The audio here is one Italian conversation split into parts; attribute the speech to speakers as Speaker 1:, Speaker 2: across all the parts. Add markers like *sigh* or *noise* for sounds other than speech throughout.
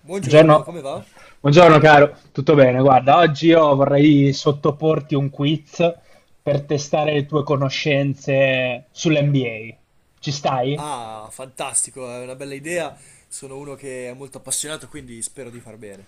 Speaker 1: Buongiorno,
Speaker 2: Buongiorno.
Speaker 1: come va?
Speaker 2: Buongiorno caro, tutto bene? Guarda, oggi io vorrei sottoporti un quiz per testare le tue conoscenze sull'NBA. Ci stai?
Speaker 1: Ah, fantastico, è una bella idea. Sono uno che è molto appassionato, quindi spero di far bene.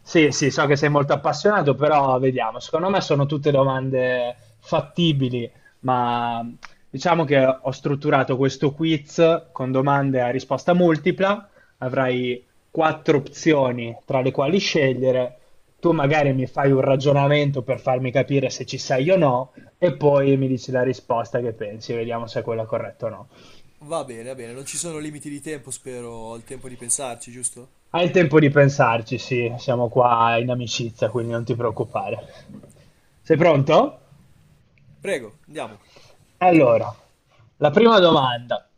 Speaker 2: Sì, sì, so che sei molto appassionato, però vediamo. Secondo me sono tutte domande fattibili, ma diciamo che ho strutturato questo quiz con domande a risposta multipla. Avrai quattro opzioni tra le quali scegliere. Tu magari mi fai un ragionamento per farmi capire se ci sei o no, e poi mi dici la risposta che pensi, vediamo se è quella corretta o no.
Speaker 1: Va bene, va bene, non ci sono limiti di tempo, spero. Ho il tempo di pensarci, giusto?
Speaker 2: Hai il tempo di pensarci, sì, siamo qua in amicizia, quindi non ti preoccupare. Sei pronto?
Speaker 1: Prego, andiamo.
Speaker 2: Allora, la prima domanda.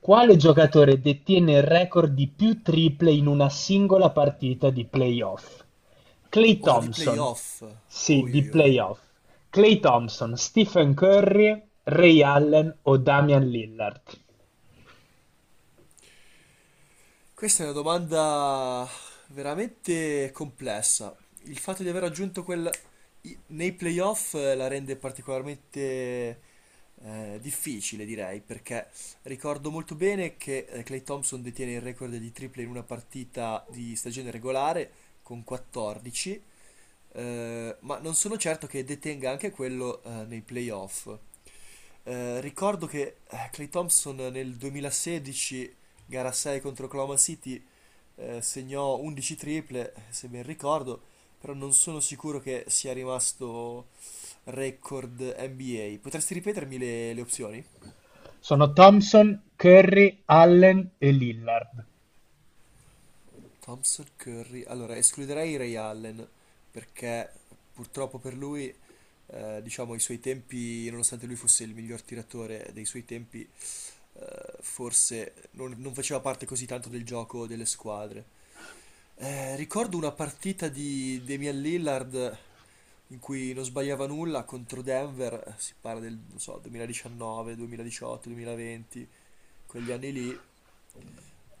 Speaker 2: Quale giocatore detiene il record di più triple in una singola partita di playoff? Clay
Speaker 1: Oh, di
Speaker 2: Thompson.
Speaker 1: playoff.
Speaker 2: Sì,
Speaker 1: Oi
Speaker 2: di
Speaker 1: oi oi.
Speaker 2: playoff. Clay Thompson, Stephen Curry, Ray Allen o Damian Lillard?
Speaker 1: Questa è una domanda veramente complessa. Il fatto di aver raggiunto nei playoff la rende particolarmente difficile, direi, perché ricordo molto bene che Klay Thompson detiene il record di triple in una partita di stagione regolare con 14, ma non sono certo che detenga anche quello nei playoff. Ricordo che Clay Thompson nel 2016, gara 6 contro Oklahoma City, segnò 11 triple, se ben ricordo, però non sono sicuro che sia rimasto record NBA. Potresti ripetermi le opzioni?
Speaker 2: Sono Thompson, Curry, Allen e Lillard.
Speaker 1: Thompson, Curry. Allora, escluderei Ray Allen, perché purtroppo per lui, diciamo, i suoi tempi, nonostante lui fosse il miglior tiratore dei suoi tempi, forse non faceva parte così tanto del gioco delle squadre. Ricordo una partita di Damian Lillard in cui non sbagliava nulla contro Denver, si parla del, non so, 2019, 2018, 2020, quegli anni lì.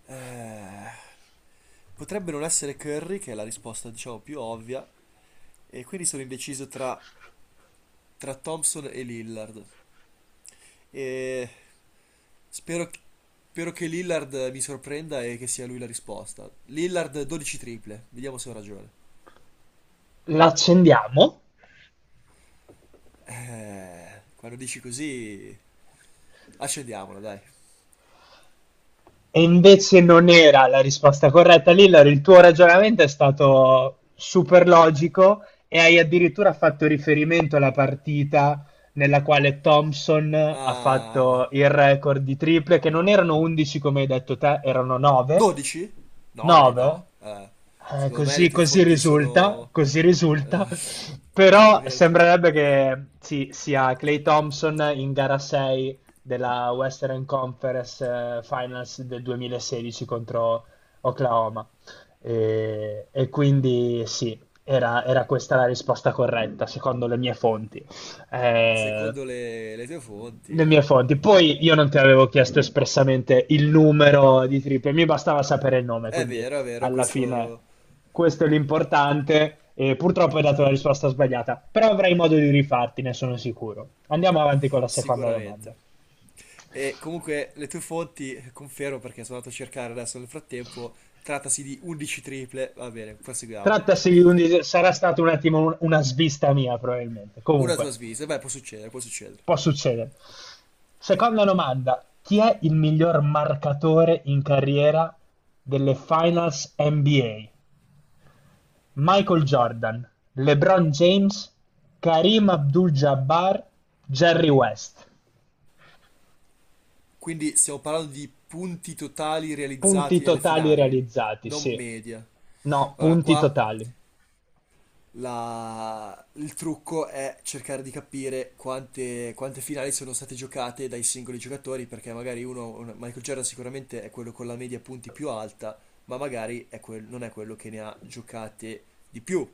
Speaker 1: Eh, Potrebbe non essere Curry, che è la risposta, diciamo, più ovvia, e quindi sono indeciso tra Thompson e Lillard. E spero, spero che Lillard mi sorprenda e che sia lui la risposta. Lillard 12 triple, vediamo se ho ragione.
Speaker 2: L'accendiamo?
Speaker 1: Quando dici così, accendiamola, dai.
Speaker 2: E invece non era la risposta corretta, Lillard. Il tuo ragionamento è stato super logico e hai addirittura fatto riferimento alla partita nella quale Thompson ha
Speaker 1: Ah,
Speaker 2: fatto il record di triple, che non erano 11 come hai detto te, erano 9.
Speaker 1: 12? 9? No.
Speaker 2: 9?
Speaker 1: Secondo me le
Speaker 2: Così,
Speaker 1: tue fonti sono...
Speaker 2: così
Speaker 1: eh,
Speaker 2: risulta, però
Speaker 1: Pavel,
Speaker 2: sembrerebbe che sì, sia Clay Thompson in gara 6 della Western Conference Finals del 2016 contro Oklahoma. E quindi sì, era questa la risposta corretta, secondo le mie fonti.
Speaker 1: *laughs*
Speaker 2: Eh,
Speaker 1: secondo le tue
Speaker 2: le
Speaker 1: fonti.
Speaker 2: mie fonti. Poi io non ti avevo chiesto espressamente il numero di triple, mi bastava sapere il nome, quindi
Speaker 1: È vero,
Speaker 2: alla fine
Speaker 1: questo
Speaker 2: questo è l'importante. E purtroppo hai dato la risposta sbagliata, però avrai modo di rifarti, ne sono sicuro. Andiamo avanti con la seconda domanda.
Speaker 1: sicuramente. E comunque le tue fonti, confermo perché sono andato a cercare adesso nel frattempo, trattasi di 11 triple. Va bene, proseguiamo.
Speaker 2: Trattasi di sarà stato un attimo una svista mia, probabilmente.
Speaker 1: Una tua
Speaker 2: Comunque,
Speaker 1: svista, beh, può succedere, può succedere.
Speaker 2: può succedere. Seconda domanda: chi è il miglior marcatore in carriera delle Finals NBA? Michael Jordan, LeBron James, Karim Abdul-Jabbar, Jerry West.
Speaker 1: Quindi stiamo parlando di punti totali
Speaker 2: Punti
Speaker 1: realizzati nelle
Speaker 2: totali
Speaker 1: finali,
Speaker 2: realizzati,
Speaker 1: non
Speaker 2: sì.
Speaker 1: media.
Speaker 2: No,
Speaker 1: Allora,
Speaker 2: punti totali.
Speaker 1: il trucco è cercare di capire quante finali sono state giocate dai singoli giocatori, perché magari Michael Jordan sicuramente è quello con la media punti più alta, ma magari è non è quello che ne ha giocate di più.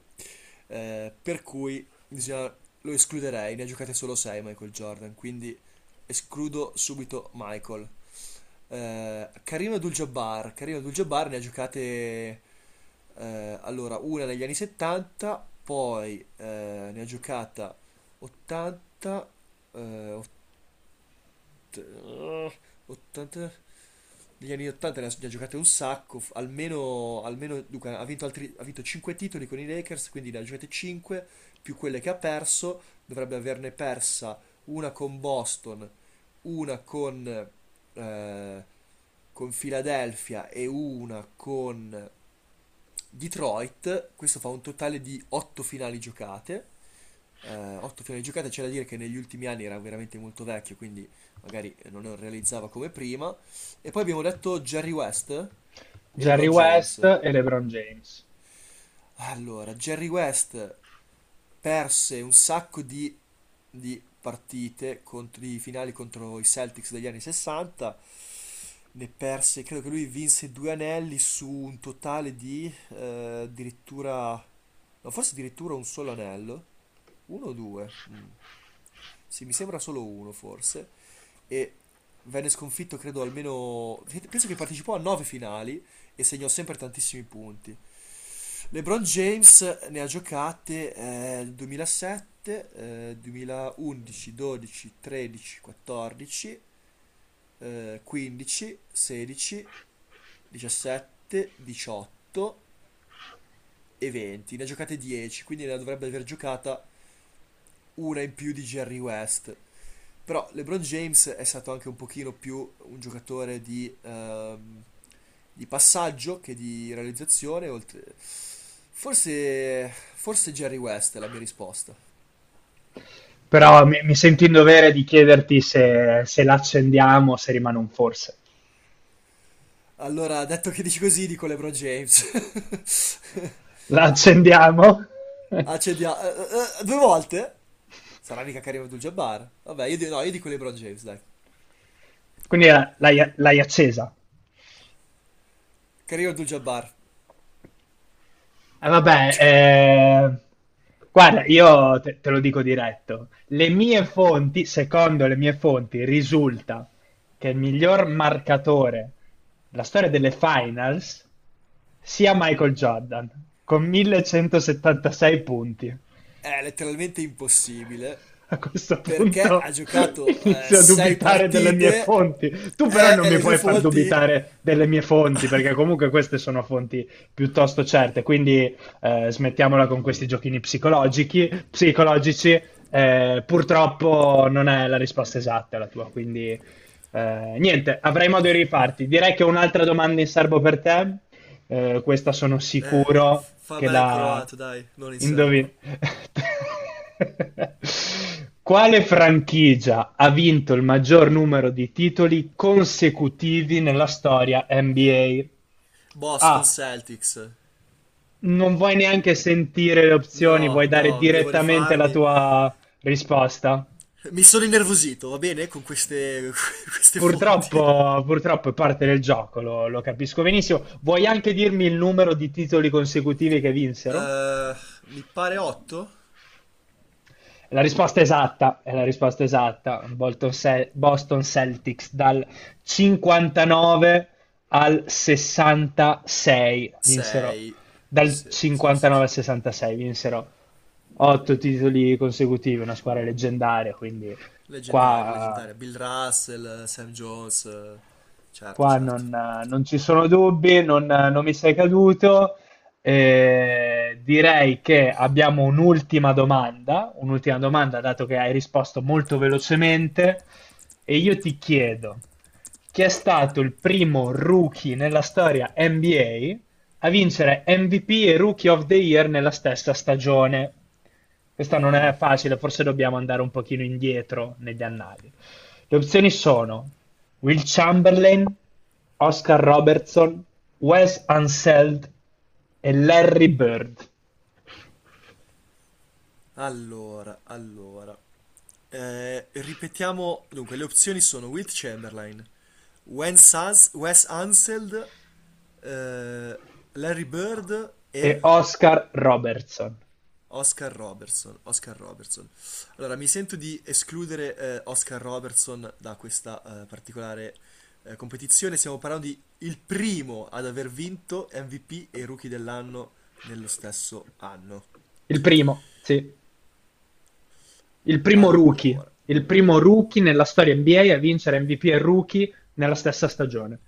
Speaker 1: Eh, per cui bisogna- lo escluderei, ne ha giocate solo 6 Michael Jordan, quindi escludo subito Michael. Karim Abdul-Jabbar, Karim Abdul-Jabbar ne ha giocate allora, una negli anni 70, poi ne ha giocata 80, eh, ott- eh, 80, negli anni 80 ne ha giocate un sacco, almeno, almeno dunque, ha vinto 5 titoli con i Lakers, quindi ne ha giocate 5, più quelle che ha perso, dovrebbe averne persa una con Boston, una eh, con Philadelphia e una con Detroit, questo fa un totale di 8 finali giocate. 8 finali giocate, c'è da dire che negli ultimi anni era veramente molto vecchio, quindi magari non realizzava come prima. E poi abbiamo detto Jerry West e
Speaker 2: Jerry
Speaker 1: LeBron
Speaker 2: West
Speaker 1: James.
Speaker 2: e LeBron James.
Speaker 1: Allora, Jerry West perse un sacco di partite, contro, di finali contro i Celtics degli anni 60, ne perse, credo che lui vinse 2 anelli su un totale di addirittura, no, forse addirittura un solo anello. Uno o due? Mm. Sì, mi sembra solo uno forse. E venne sconfitto, credo, almeno... Penso che partecipò a 9 finali e segnò sempre tantissimi punti. LeBron James ne ha giocate 2007, 2011, 12, 13, 14, 15, 16, 17, 18 e 20. Ne ha giocate 10, quindi ne dovrebbe aver giocata una in più di Jerry West. Però LeBron James è stato anche un pochino più un giocatore di passaggio che di realizzazione. Forse, forse Jerry West è la mia risposta.
Speaker 2: Però mi sento in dovere di chiederti se la accendiamo o se rimane un forse.
Speaker 1: Allora, detto che dici così, dico LeBron James. *laughs*
Speaker 2: La accendiamo?
Speaker 1: Accendiamo. Due volte? Sarà mica Karim Abdul-Jabbar? Vabbè, no, io dico LeBron James, dai.
Speaker 2: *laughs* Quindi l'hai accesa.
Speaker 1: Karim Abdul-Jabbar
Speaker 2: Vabbè, guarda, io te lo dico diretto. Le mie fonti, secondo le mie fonti, risulta che il miglior marcatore della storia delle finals sia Michael Jordan, con 1176 punti.
Speaker 1: è letteralmente impossibile
Speaker 2: A questo
Speaker 1: perché ha
Speaker 2: punto *laughs*
Speaker 1: giocato
Speaker 2: inizio a
Speaker 1: sei
Speaker 2: dubitare delle mie
Speaker 1: partite
Speaker 2: fonti. Tu però non
Speaker 1: e
Speaker 2: mi
Speaker 1: le tue
Speaker 2: puoi far
Speaker 1: fonti.
Speaker 2: dubitare delle mie fonti, perché comunque queste sono fonti piuttosto certe, quindi smettiamola con questi giochini psicologici. Psicologici. Purtroppo non è la risposta esatta la tua, quindi niente, avrai modo di rifarti. Direi che ho un'altra domanda in serbo per te. Questa sono
Speaker 1: Eh,
Speaker 2: sicuro che
Speaker 1: Fammela in
Speaker 2: la
Speaker 1: croato, dai, non in serbo.
Speaker 2: indovina. *laughs* Quale franchigia ha vinto il maggior numero di titoli consecutivi nella storia NBA? A.
Speaker 1: Boston
Speaker 2: A.
Speaker 1: Celtics.
Speaker 2: Non vuoi neanche sentire le opzioni,
Speaker 1: No,
Speaker 2: vuoi dare
Speaker 1: no, devo
Speaker 2: direttamente la
Speaker 1: rifarmi.
Speaker 2: tua risposta?
Speaker 1: Mi sono innervosito, va bene? Con queste, *laughs* queste fonti.
Speaker 2: Purtroppo, purtroppo è parte del gioco, lo capisco benissimo. Vuoi anche dirmi il numero di titoli consecutivi che vinsero?
Speaker 1: Eh, Mi pare 8?
Speaker 2: È La risposta esatta è la risposta esatta. Boston Celtics dal 59 al 66 vinsero.
Speaker 1: 6.
Speaker 2: Dal
Speaker 1: Sì, sì, sì,
Speaker 2: 59
Speaker 1: sì.
Speaker 2: al 66 vinsero 8 titoli consecutivi, una squadra leggendaria, quindi
Speaker 1: Leggendaria,
Speaker 2: qua
Speaker 1: leggendaria. Bill Russell, Sam Jones. Certo,
Speaker 2: Qua
Speaker 1: certo.
Speaker 2: non ci sono dubbi, non mi sei caduto. Direi che abbiamo un'ultima domanda, dato che hai risposto molto velocemente, e io ti chiedo, chi è stato il primo rookie nella storia NBA a vincere MVP e Rookie of the Year nella stessa stagione? Questa non è facile, forse dobbiamo andare un pochino indietro negli annali. Le opzioni sono Will Chamberlain, Oscar Robertson, Wes Unseld e Larry Bird
Speaker 1: Allora, allora. Ripetiamo, dunque, le opzioni sono Wilt Chamberlain, Wes Unseld, eh, Larry Bird e
Speaker 2: e Oscar Robertson.
Speaker 1: Oscar Robertson. Oscar Robertson. Allora, mi sento di escludere Oscar Robertson da questa particolare competizione. Stiamo parlando di il primo ad aver vinto MVP e Rookie dell'anno nello stesso anno.
Speaker 2: Il primo, sì. Il primo rookie,
Speaker 1: Allora.
Speaker 2: il primo rookie nella storia NBA a vincere MVP e Rookie nella stessa stagione.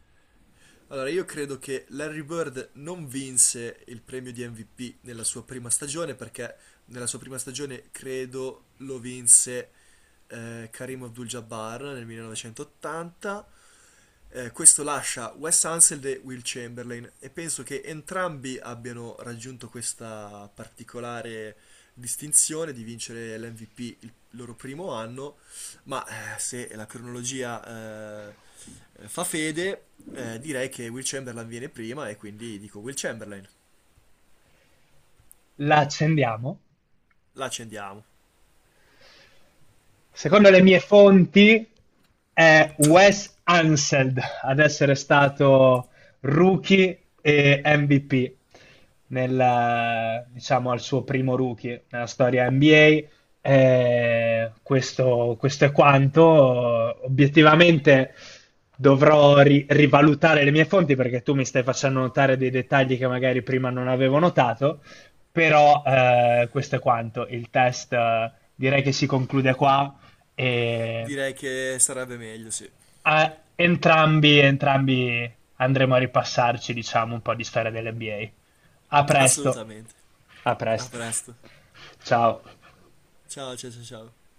Speaker 1: Allora, io credo che Larry Bird non vinse il premio di MVP nella sua prima stagione, perché nella sua prima stagione credo lo vinse Karim Abdul-Jabbar nel 1980. Questo lascia Wes Unseld e Will Chamberlain e penso che entrambi abbiano raggiunto questa particolare distinzione di vincere l'MVP il loro primo anno ma se la cronologia fa fede, direi che Will Chamberlain viene prima e quindi dico Will Chamberlain.
Speaker 2: La accendiamo?
Speaker 1: La accendiamo.
Speaker 2: Secondo le mie fonti è Wes Unseld ad essere stato rookie e MVP nel, diciamo, al suo primo rookie nella storia NBA. Questo è quanto. Obiettivamente dovrò rivalutare le mie fonti perché tu mi stai facendo notare dei dettagli che magari prima non avevo notato, però questo è quanto. Il test direi che si conclude qua. E
Speaker 1: Direi che sarebbe meglio, sì.
Speaker 2: entrambi, entrambi andremo a ripassarci, diciamo, un po' di storia dell'NBA. A presto.
Speaker 1: Assolutamente.
Speaker 2: A
Speaker 1: A
Speaker 2: presto.
Speaker 1: presto.
Speaker 2: Ciao.
Speaker 1: Ciao, ciao, ciao, ciao.